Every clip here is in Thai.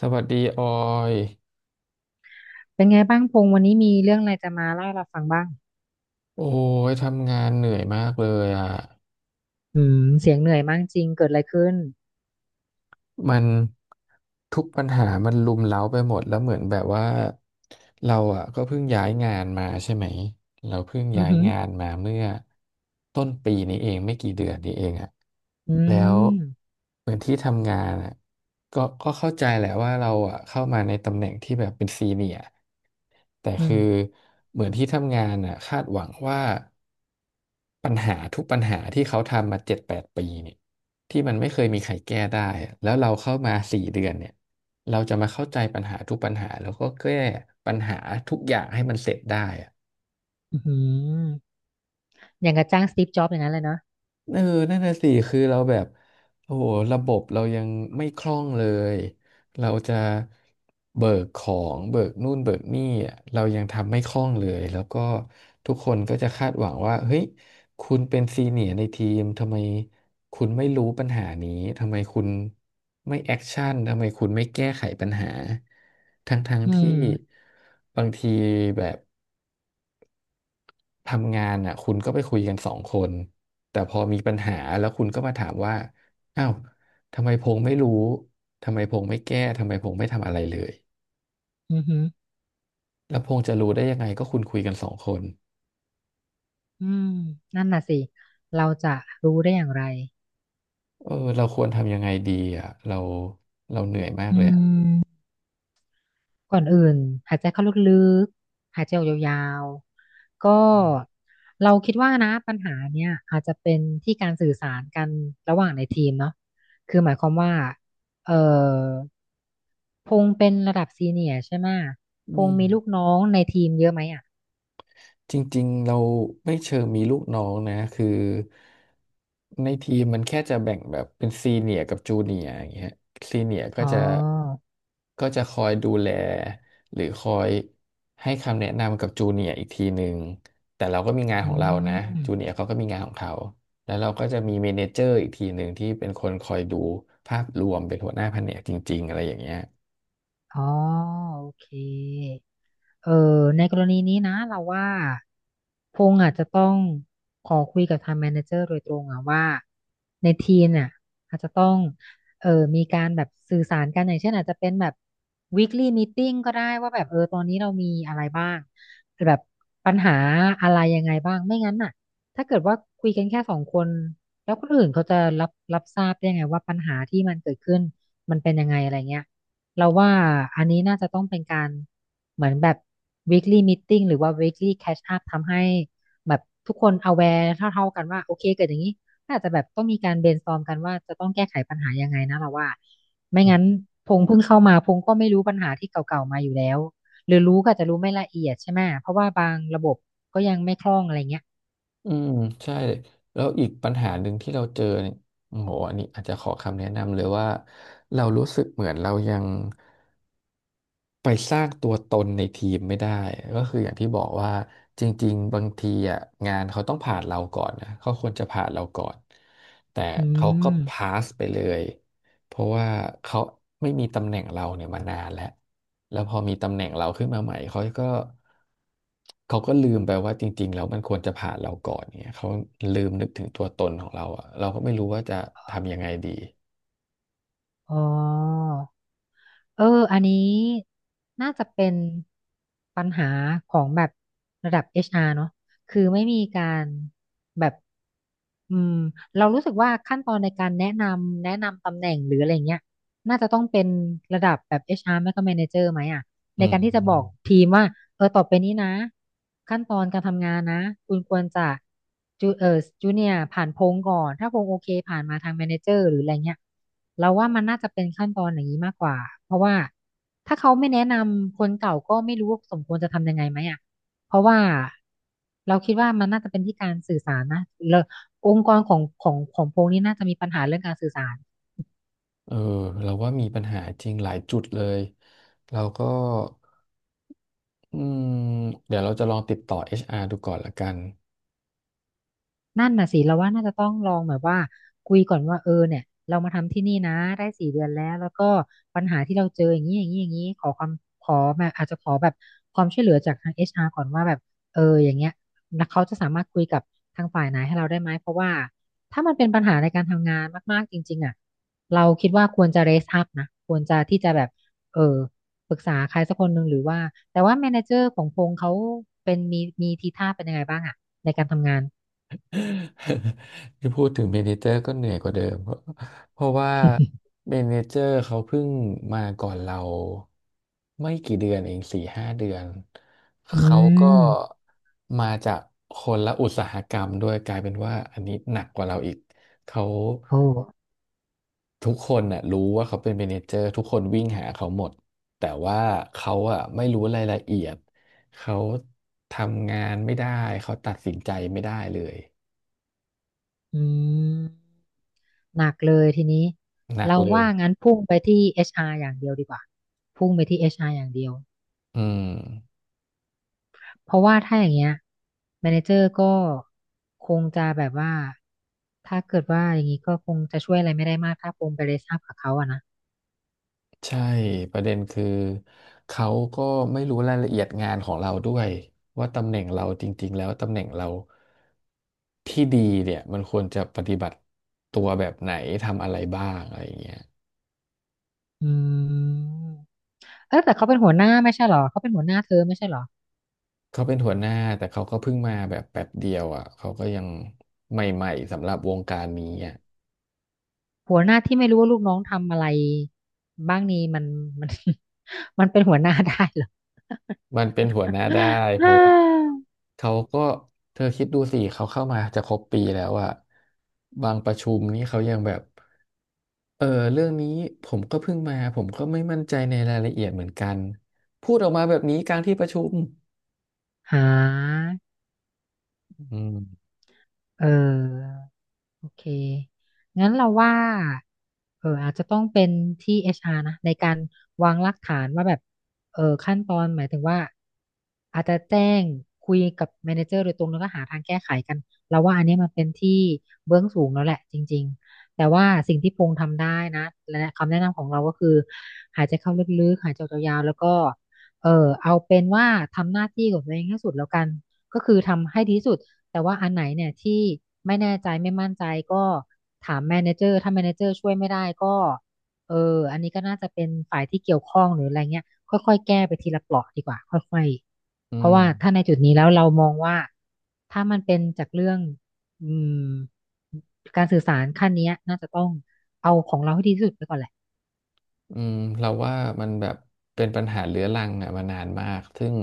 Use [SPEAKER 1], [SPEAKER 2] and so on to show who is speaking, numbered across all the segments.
[SPEAKER 1] สวัสดีออย
[SPEAKER 2] เป็นไงบ้างพงษ์วันนี้มีเรื่องอะไรจะมาเล่าให้เราฟังบ้าง
[SPEAKER 1] โอ้ยทำงานเหนื่อยมากเลยอ่ะ
[SPEAKER 2] อืมเสียงเหนื่อยมากจริงเกิดอะไรขึ้น
[SPEAKER 1] มัน ทุกปัญหามันรุมเร้าไปหมดแล้วเหมือนแบบว่าเราอ่ะก็เพิ่งย้ายงานมาใช่ไหมเราเพิ่ง
[SPEAKER 2] อือ
[SPEAKER 1] ย้าย
[SPEAKER 2] หือ
[SPEAKER 1] งานมาเมื่อต้นปีนี้เองไม่กี่เดือนนี้เองอ่ะ
[SPEAKER 2] อื
[SPEAKER 1] แล้ว
[SPEAKER 2] ม
[SPEAKER 1] เหมือนที่ทำงานอ่ะก็เข้าใจแหละว่าเราอ่ะเข้ามาในตำแหน่งที่แบบเป็นซีเนียร์แต่
[SPEAKER 2] อื
[SPEAKER 1] คือ
[SPEAKER 2] ม
[SPEAKER 1] เหมือนที่ทำงานอ่ะคาดหวังว่าปัญหาทุกปัญหาที่เขาทำมาเจ็ดแปดปีเนี่ยที่มันไม่เคยมีใครแก้ได้อะแล้วเราเข้ามาสี่เดือนเนี่ย เราจะมาเข้าใจปัญหาทุกปัญหาแล้วก็แก้ปัญหาทุกอย่างให้มันเสร็จได้อะ
[SPEAKER 2] อือหืออย่างกับจ้างสตีฟจ็อบส์อย่างนั้นเลยเนาะ
[SPEAKER 1] เออนั่นน่ะสิคือเราแบบโอ้โหระบบเรายังไม่คล่องเลยเราจะเบิกของเบิกนู่นเบิกนี่อะเรายังทำไม่คล่องเลยแล้วก็ทุกคนก็จะคาดหวังว่าเฮ้ยคุณเป็นซีเนียร์ในทีมทำไมคุณไม่รู้ปัญหานี้ทำไมคุณไม่แอคชั่นทำไมคุณไม่แก้ไขปัญหาทั้ง
[SPEAKER 2] อื
[SPEAKER 1] ๆที่
[SPEAKER 2] ม
[SPEAKER 1] บางทีแบบ ทำงานอ่ะคุณก็ไปคุยกันสองคนแต่พอมีปัญหาแล้วคุณก็มาถามว่าอ้าวทำไมพงษ์ไม่รู้ทำไมพงษ์ไม่แก้ทำไมพงษ์ไม่ทำอะไรเลย
[SPEAKER 2] อือหือ
[SPEAKER 1] แล้วพงษ์จะรู้ได้ยังไงก็คุณคุยกันสองคน
[SPEAKER 2] อืมนั่นน่ะสิเราจะรู้ได้อย่างไร
[SPEAKER 1] เออเราควรทำยังไงดีอ่ะเราเหนื่อยมาก
[SPEAKER 2] อื
[SPEAKER 1] เลยอ่ะ
[SPEAKER 2] มก่อนอื่นหายใจเข้าลึกๆหายใจออกยาวๆก็เราคิดว่านะปัญหาเนี่ยอาจจะเป็นที่การสื่อสารกันระหว่างในทีมเนาะคือหมายความว่าเอ่อ พงษ์เป็นระดับซีเนียร์ใช่ไหมะ
[SPEAKER 1] อื
[SPEAKER 2] พง
[SPEAKER 1] ม
[SPEAKER 2] ษ์มีลูกน้องในทีมเยอะไหมอ่ะ
[SPEAKER 1] จริงๆเราไม่เชิงมีลูกน้องนะคือในทีมมันแค่จะแบ่งแบบเป็นซีเนียร์กับจูเนียร์อย่างเงี้ยซีเนียร์ก็
[SPEAKER 2] อ๋
[SPEAKER 1] จะ
[SPEAKER 2] อ
[SPEAKER 1] คอยดูแลหรือคอยให้คำแนะนำกับจูเนียร์อีกทีหนึ่งแต่เราก็มีงาน
[SPEAKER 2] อื
[SPEAKER 1] ของเรานะ
[SPEAKER 2] ม
[SPEAKER 1] จูเนียร์เขาก็มีงานของเขาแล้วเราก็จะมีเมเนเจอร์อีกทีหนึ่งที่เป็นคนคอยดูภาพรวมเป็นหัวหน้าแผนกจริงๆอะไรอย่างเงี้ย
[SPEAKER 2] อ๋อโอเคเออในกรณีนี้นะเราว่าพงษ์อาจจะต้องขอคุยกับทางแมเนเจอร์โดยตรงอะว่าในทีมเนี่ยอาจจะต้องเออมีการแบบสื่อสารกันอย่างเช่นอาจจะเป็นแบบ weekly meeting ก็ได้ว่าแบบเออตอนนี้เรามีอะไรบ้างแบบปัญหาอะไรยังไงบ้างไม่งั้นน่ะถ้าเกิดว่าคุยกันแค่สองคนแล้วคนอื่นเขาจะรับทราบได้ยังไงว่าปัญหาที่มันเกิดขึ้นมันเป็นยังไงอะไรเงี้ย เราว่าอันนี้น่าจะต้องเป็นการเหมือนแบบ weekly meeting หรือว่า weekly catch up ทำให้แบบทุกคน aware เท่ากันว่าโอเคเกิดอย่างนี้ก็อาจจะแบบต้องมีการ brainstorm กันว่าจะต้องแก้ไขปัญหายังไงนะเราว่าไม่งั้นพงเพิ่งเข้ามาพงก็ไม่รู้ปัญหาที่เก่าๆมาอยู่แล้วหรือรู้ก็อาจจะรู้ไม่ละเอียดใช่ไหม เพราะว่าบางระบบก็ยังไม่คล่องอะไรเงี้ย
[SPEAKER 1] อืมใช่เลยแล้วอีกปัญหาหนึ่งที่เราเจอเนี่ยโอ้โหอันนี้อาจจะขอคำแนะนำเลยว่าเรารู้สึกเหมือนเรายัง ไปสร้างตัวตนในทีมไม่ได้ก็คืออย่างที่บอกว่าจริงๆบางทีอ่ะงานเขาต้องผ่านเราก่อนนะเขาควรจะผ่านเราก่อนแต่
[SPEAKER 2] อื
[SPEAKER 1] เขาก็
[SPEAKER 2] ม
[SPEAKER 1] พาสไปเลยเพราะว่าเขาไม่มีตำแหน่งเราเนี่ยมานานแล้วแล้วพอมีตำแหน่งเราขึ้นมาใหม่เขาก็ลืมไปว่าจริงๆแล้วมันควรจะผ่านเราก่อนเนี่ยเขาลืมนึกถึงตัวตนของเราอ่ะเราก็ไม่รู้ว่าจะทำยังไงดี
[SPEAKER 2] อ๋อ เอออันนี้น่าจะเป็นปัญหาของแบบระดับ HR เนอะคือไม่มีการแบบอืมเรารู้สึกว่าขั้นตอนในการแนะนำตำแหน่งหรืออะไรเงี้ยน่าจะต้องเป็นระดับแบบ HR ไม่ก็ Manager ไหมอ่ะ
[SPEAKER 1] อื
[SPEAKER 2] ในการที่จะบอก
[SPEAKER 1] ม
[SPEAKER 2] ทีมว่าเออต่อไปนี้นะขั้นตอนการทำงานนะคุณควรจะจูเนียผ่านโพงก่อนถ้าโพงโอเคผ่านมาทางแมเนเจอร์หรืออะไรเงี้ยเราว่ามันน่าจะเป็นขั้นตอนอย่างนี้มากกว่าเพราะว่าถ้าเขาไม่แนะนำคนเก่าก็ไม่รู้ว่าสมควรจะทำยังไงไหมอ่ะเพราะว่าเราคิดว่ามันน่าจะเป็นที่การสื่อสารนะแล้วองค์กรของพงนี้น่าจะมีปัญหาเรื่องการสื่อสาร
[SPEAKER 1] เออเราว่ามีปัญหาจริงหลายจุดเลยเราก็อืมเดี๋ยวเราจะลองติดต่อ HR ดูก่อนละกัน
[SPEAKER 2] นั่นน่ะสิเราว่าน่าจะต้องลองแบบว่าคุยก่อนว่าเออเนี่ยเรามาทำที่นี่นะได้4 เดือนแล้วแล้วก็ปัญหาที่เราเจออย่างนี้อย่างนี้อย่างนี้ขอความขอแบบอาจจะขอแบบความช่วยเหลือจากทาง HR ก่อนว่าแบบเอออย่างเงี้ยแล้วเขาจะสามารถคุยกับทางฝ่ายไหนให้เราได้ไหมเพราะว่าถ้ามันเป็นปัญหาในการทำงานมากๆจริงๆอ่ะเราคิดว่าควรจะ raise up นะควรจะที่จะแบบเออปรึกษาใครสักคนหนึ่งหรือว่าแต่ว่า manager ของพงษ์เขาเป็นมีทีท่าเป็นยังไงบ้างอ่ะในการทำงาน
[SPEAKER 1] ที่พูดถึงเมเนเจอร์ก็เหนื่อยกว่าเดิมเพราะว่า เมเนเจอร์เขาเพิ่งมาก่อนเราไม่กี่เดือนเองสี่ห้าเดือน
[SPEAKER 2] อื
[SPEAKER 1] เขาก็
[SPEAKER 2] ม
[SPEAKER 1] มาจากคนละอุตสาหกรรมด้วยกลายเป็นว่าอันนี้หนักกว่าเราอีกเขา
[SPEAKER 2] โอ้
[SPEAKER 1] ทุกคนน่ะรู้ว่าเขาเป็นเมเนเจอร์ทุกคนวิ่งหาเขาหมดแต่ว่าเขาอ่ะไม่รู้รายละเอียดเขาทำงานไม่ได้เขาตัดสินใจไม่ได้เลย
[SPEAKER 2] อืมหนักเลยทีนี้
[SPEAKER 1] หนัก
[SPEAKER 2] เรา
[SPEAKER 1] เลย
[SPEAKER 2] ว่างั้นพุ่งไปที่เอชอาร์อย่างเดียวดีกว่าพุ่งไปที่เอชอาร์อย่างเดียว
[SPEAKER 1] อืม
[SPEAKER 2] เพราะว่าถ้าอย่างเงี้ยแมเนเจอร์ก็คงจะแบบว่าถ้าเกิดว่าอย่างนี้ก็คงจะช่วยอะไรไม่ได้มากถ้าปมไปเลยทราบกับเขาอะนะ
[SPEAKER 1] ใช่ประเด็นคือเขาก็ไม่รู้รายละเอียดงานของเราด้วยว่าตำแหน่งเราจริงๆแล้วตำแหน่งเราที่ดีเนี่ยมันควรจะปฏิบัติตัวแบบไหนทำอะไรบ้างอะไรอย่างเงี้ย
[SPEAKER 2] อืมเออแต่เขาเป็นหัวหน้าไม่ใช่เหรอเขาเป็นหัวหน้าเธอไม่ใช่เหรอ
[SPEAKER 1] เขาเป็นหัวหน้าแต่เขาก็เพิ่งมาแบบแป๊บเดียวอ่ะเขาก็ยังใหม่ๆสำหรับวงการนี้อ่ะ
[SPEAKER 2] หัวหน้าที่ไม่รู้ว่าลูกน้องทำอะไรบ้างนี้มัน มัน มันเป็นหัวหน้าได้เหรอ
[SPEAKER 1] มันเป็นหัวห น้าได้เพ
[SPEAKER 2] ฮ่
[SPEAKER 1] ราะว่า
[SPEAKER 2] า
[SPEAKER 1] เขาก็เธอคิดดูสิเขาเข้ามาจะครบปีแล้วอ่ะบางประชุมนี้เขายังแบบเออเรื่องนี้ผมก็เพิ่งมาผมก็ไม่มั่นใจในรายละเอียดเหมือนกันพูดออกมาแบบนี้กลางที่ประชุม
[SPEAKER 2] หา
[SPEAKER 1] อืม
[SPEAKER 2] เออ โอเค งั้นเราว่าเอออาจจะต้องเป็นที่ HR นะในการวางรากฐานว่าแบบเออขั้นตอนหมายถึงว่าอาจจะแจ้งคุยกับแมเนเจอร์โดยตรงแล้วก็หาทางแก้ไขกันเราว่าอันเนี้ยมันเป็นที่เบื้องสูงแล้วแหละจริงๆ แต่ว่าสิ่งที่พงทำได้นะและคำแนะนำของเราก็คือ หายใจเข้าลึกๆหายใจออกยาวๆแล้วก็เออเอาเป็นว่าทำหน้าที่ของตัวเองให้สุดแล้วกันก็คือทำให้ดีที่สุด แต่ว่าอันไหนเนี่ยที่ไม่แน่ใจไม่มั่นใจก็ถามแมเนเจอร์ถ้าแมเนเจอร์ช่วยไม่ได้ก็เอออันนี้ก็น่าจะเป็นฝ่ายที่เกี่ยวข้องหรืออะไรเงี้ยค่อยๆแก้ไปทีละเปราะดีกว่าค่อย
[SPEAKER 1] อื
[SPEAKER 2] ๆเพราะ
[SPEAKER 1] ม
[SPEAKER 2] ว่าถ้าในจุดนี้แล้วเรามองว่าถ้ามันเป็นจากเรื่องอืมการสื่อสารขั้นเนี้ยน่าจะต้องเอาของเราให้ดีที่สุดไปก่อนแหละ
[SPEAKER 1] อืมเราว่ามันแบบเป็นปัญหาเรื้อรังอ่ะมานานมากซึ่ง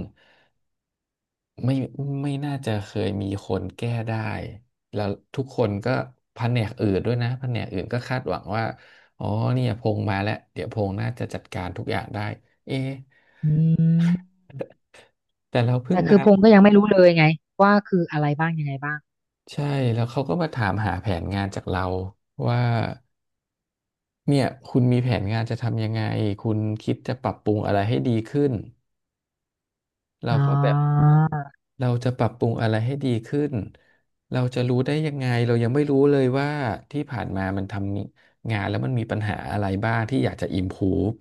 [SPEAKER 1] ไม่ไม่น่าจะเคยมีคนแก้ได้แล้วทุกคนก็แผนกอื่นด้วยนะแผนกอื่นก็คาดหวังว่าอ๋อเนี่ยพงมาแล้วเดี๋ยวพงน่าจะจัดการทุกอย่างได้เอ๊ะ
[SPEAKER 2] อืม
[SPEAKER 1] แต่เราเพิ่ง
[SPEAKER 2] แต่คื
[SPEAKER 1] มา
[SPEAKER 2] อพงษ์ก็ยังไม่รู้เลยไงว่าคืออะไรบ้างยังไงบ้าง
[SPEAKER 1] ใช่แล้วเขาก็มาถามหาแผนงานจากเราว่าเนี่ยคุณมีแผนงานจะทำยังไงคุณคิดจะปรับปรุงอะไรให้ดีขึ้น เรา
[SPEAKER 2] อ๋
[SPEAKER 1] ก็แบบ
[SPEAKER 2] อ
[SPEAKER 1] เราจะปรับปรุงอะไรให้ดีขึ้นเราจะรู้ได้ยังไงเรายังไม่รู้เลยว่าที่ผ่านมามันทำงานแล้วมันมีปัญหาอะไรบ้างที่อยากจะ improve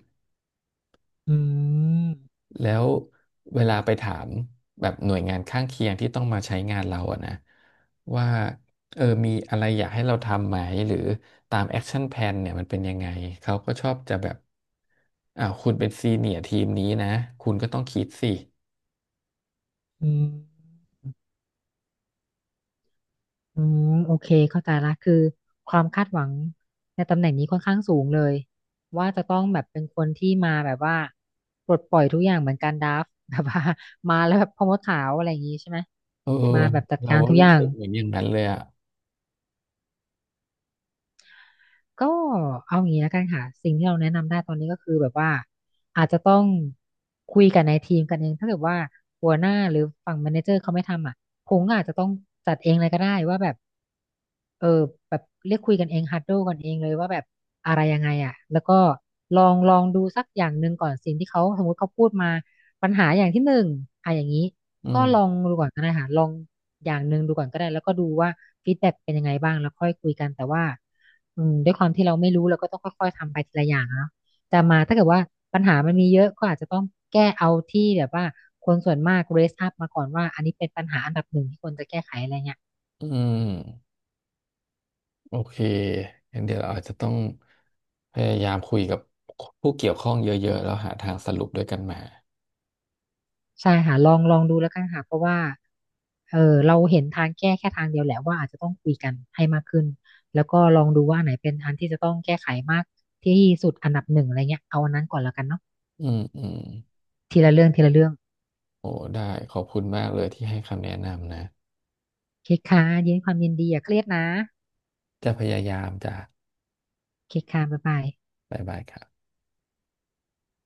[SPEAKER 2] อืม
[SPEAKER 1] แล้วเวลาไปถามแบบหน่วยงานข้างเคียงที่ต้องมาใช้งานเราอะนะว่าเออมีอะไรอยากให้เราทำไหมหรือตาม Action Plan เนี่ยมันเป็นยังไงเขาก็ชอบจะแบบอ่าวคุณเป็นซีเนียร์ทีมนี้นะคุณก็ต้องคิดสิ
[SPEAKER 2] อืม อืมโอเคเข้าใจละคือความคาดหวังในตำแหน่งนี้ค่อนข้างสูงเลยว่าจะต้องแบบเป็นคนที่มาแบบว่าปลดปล่อยทุกอย่างเหมือนการดราฟต์ แบบว่ามาแล้วแบบพ่อมดขาวอะไรอย่างงี้ใช่ไหม
[SPEAKER 1] เออ
[SPEAKER 2] มาแบบจัด
[SPEAKER 1] เรา
[SPEAKER 2] การ
[SPEAKER 1] ก็
[SPEAKER 2] ทุกอ
[SPEAKER 1] รู้
[SPEAKER 2] ย่าง
[SPEAKER 1] สึกเหมือนอย่างนั้นเลยอ่ะ
[SPEAKER 2] ก็เอางี้แล้วกันค่ะสิ่งที่เราแนะนำได้ตอนนี้ก็คือแบบว่าอาจจะต้องคุยกันในทีมกันเองถ้าเกิดว่าหัวหน้าหรือฝั่งแมเนเจอร์เขาไม่ทำอ่ะผมก็อาจจะต้องจัดเองเลยก็ได้ว่าแบบเออแบบเรียกคุยกันเองฮัดโดกันเองเลยว่าแบบอะไรยังไงอ่ะแล้วก็ลองดูสักอย่างหนึ่งก่อนสิ่งที่เขาสมมติเขาพูดมาปัญหาอย่างที่หนึ่งอะอย่างนี้
[SPEAKER 1] อื
[SPEAKER 2] ก็
[SPEAKER 1] ม
[SPEAKER 2] ลองดูก่อนก็ได้ค่ะลองอย่างหนึ่งดูก่อนก็ได้แล้วก็ดูว่าฟีดแบ็กเป็นยังไงบ้างแล้วค่อยคุยกันแต่ว่า อืมด้วยความที่เราไม่รู้เราก็ต้องค่อยๆทำไปทีละอย่างอะเนาะแต่มาถ้าเกิดว่าปัญหามันมีเยอะก็อาจจะต้องแก้เอาที่แบบว่าคนส่วนมาก raise up มาก่อนว่าอันนี้เป็นปัญหาอันดับหนึ่งที่ควรจะแก้ไขอะไรเงี้ย
[SPEAKER 1] อืมโอเคงั้นเดี๋ยวเราอาจจะต้องพยายามคุยกับผู้เกี่ยวข้องเยอะๆแล้วหาทางสรุปด้วยกันมา
[SPEAKER 2] ใช่ค่ะลองดูแล้วกันค่ะเพราะว่าเออเราเห็นทางแก้แค่ทางเดียวแหละว่าอาจจะต้องคุยกันให้มากขึ้นแล้วก็ลองดูว่าอันไหนเป็นอันที่จะต้องแก้ไขมากที่สุดอันดับหนึ่งอะไรเงี้ยเอาอันนั้นก่อนแล้วกันเนาะ
[SPEAKER 1] อืม
[SPEAKER 2] ทีละเรื่องทีละเรื่อง
[SPEAKER 1] โอ้ได้ขอบคุณมากเลยที่ให้คำแนะนำนะ
[SPEAKER 2] คิดค่ะยินดีความยินดีอย่าเครียดนะ
[SPEAKER 1] จะพยายามจะ
[SPEAKER 2] คิดค่ะบ๊ายบาย
[SPEAKER 1] บ๊ายบายครับ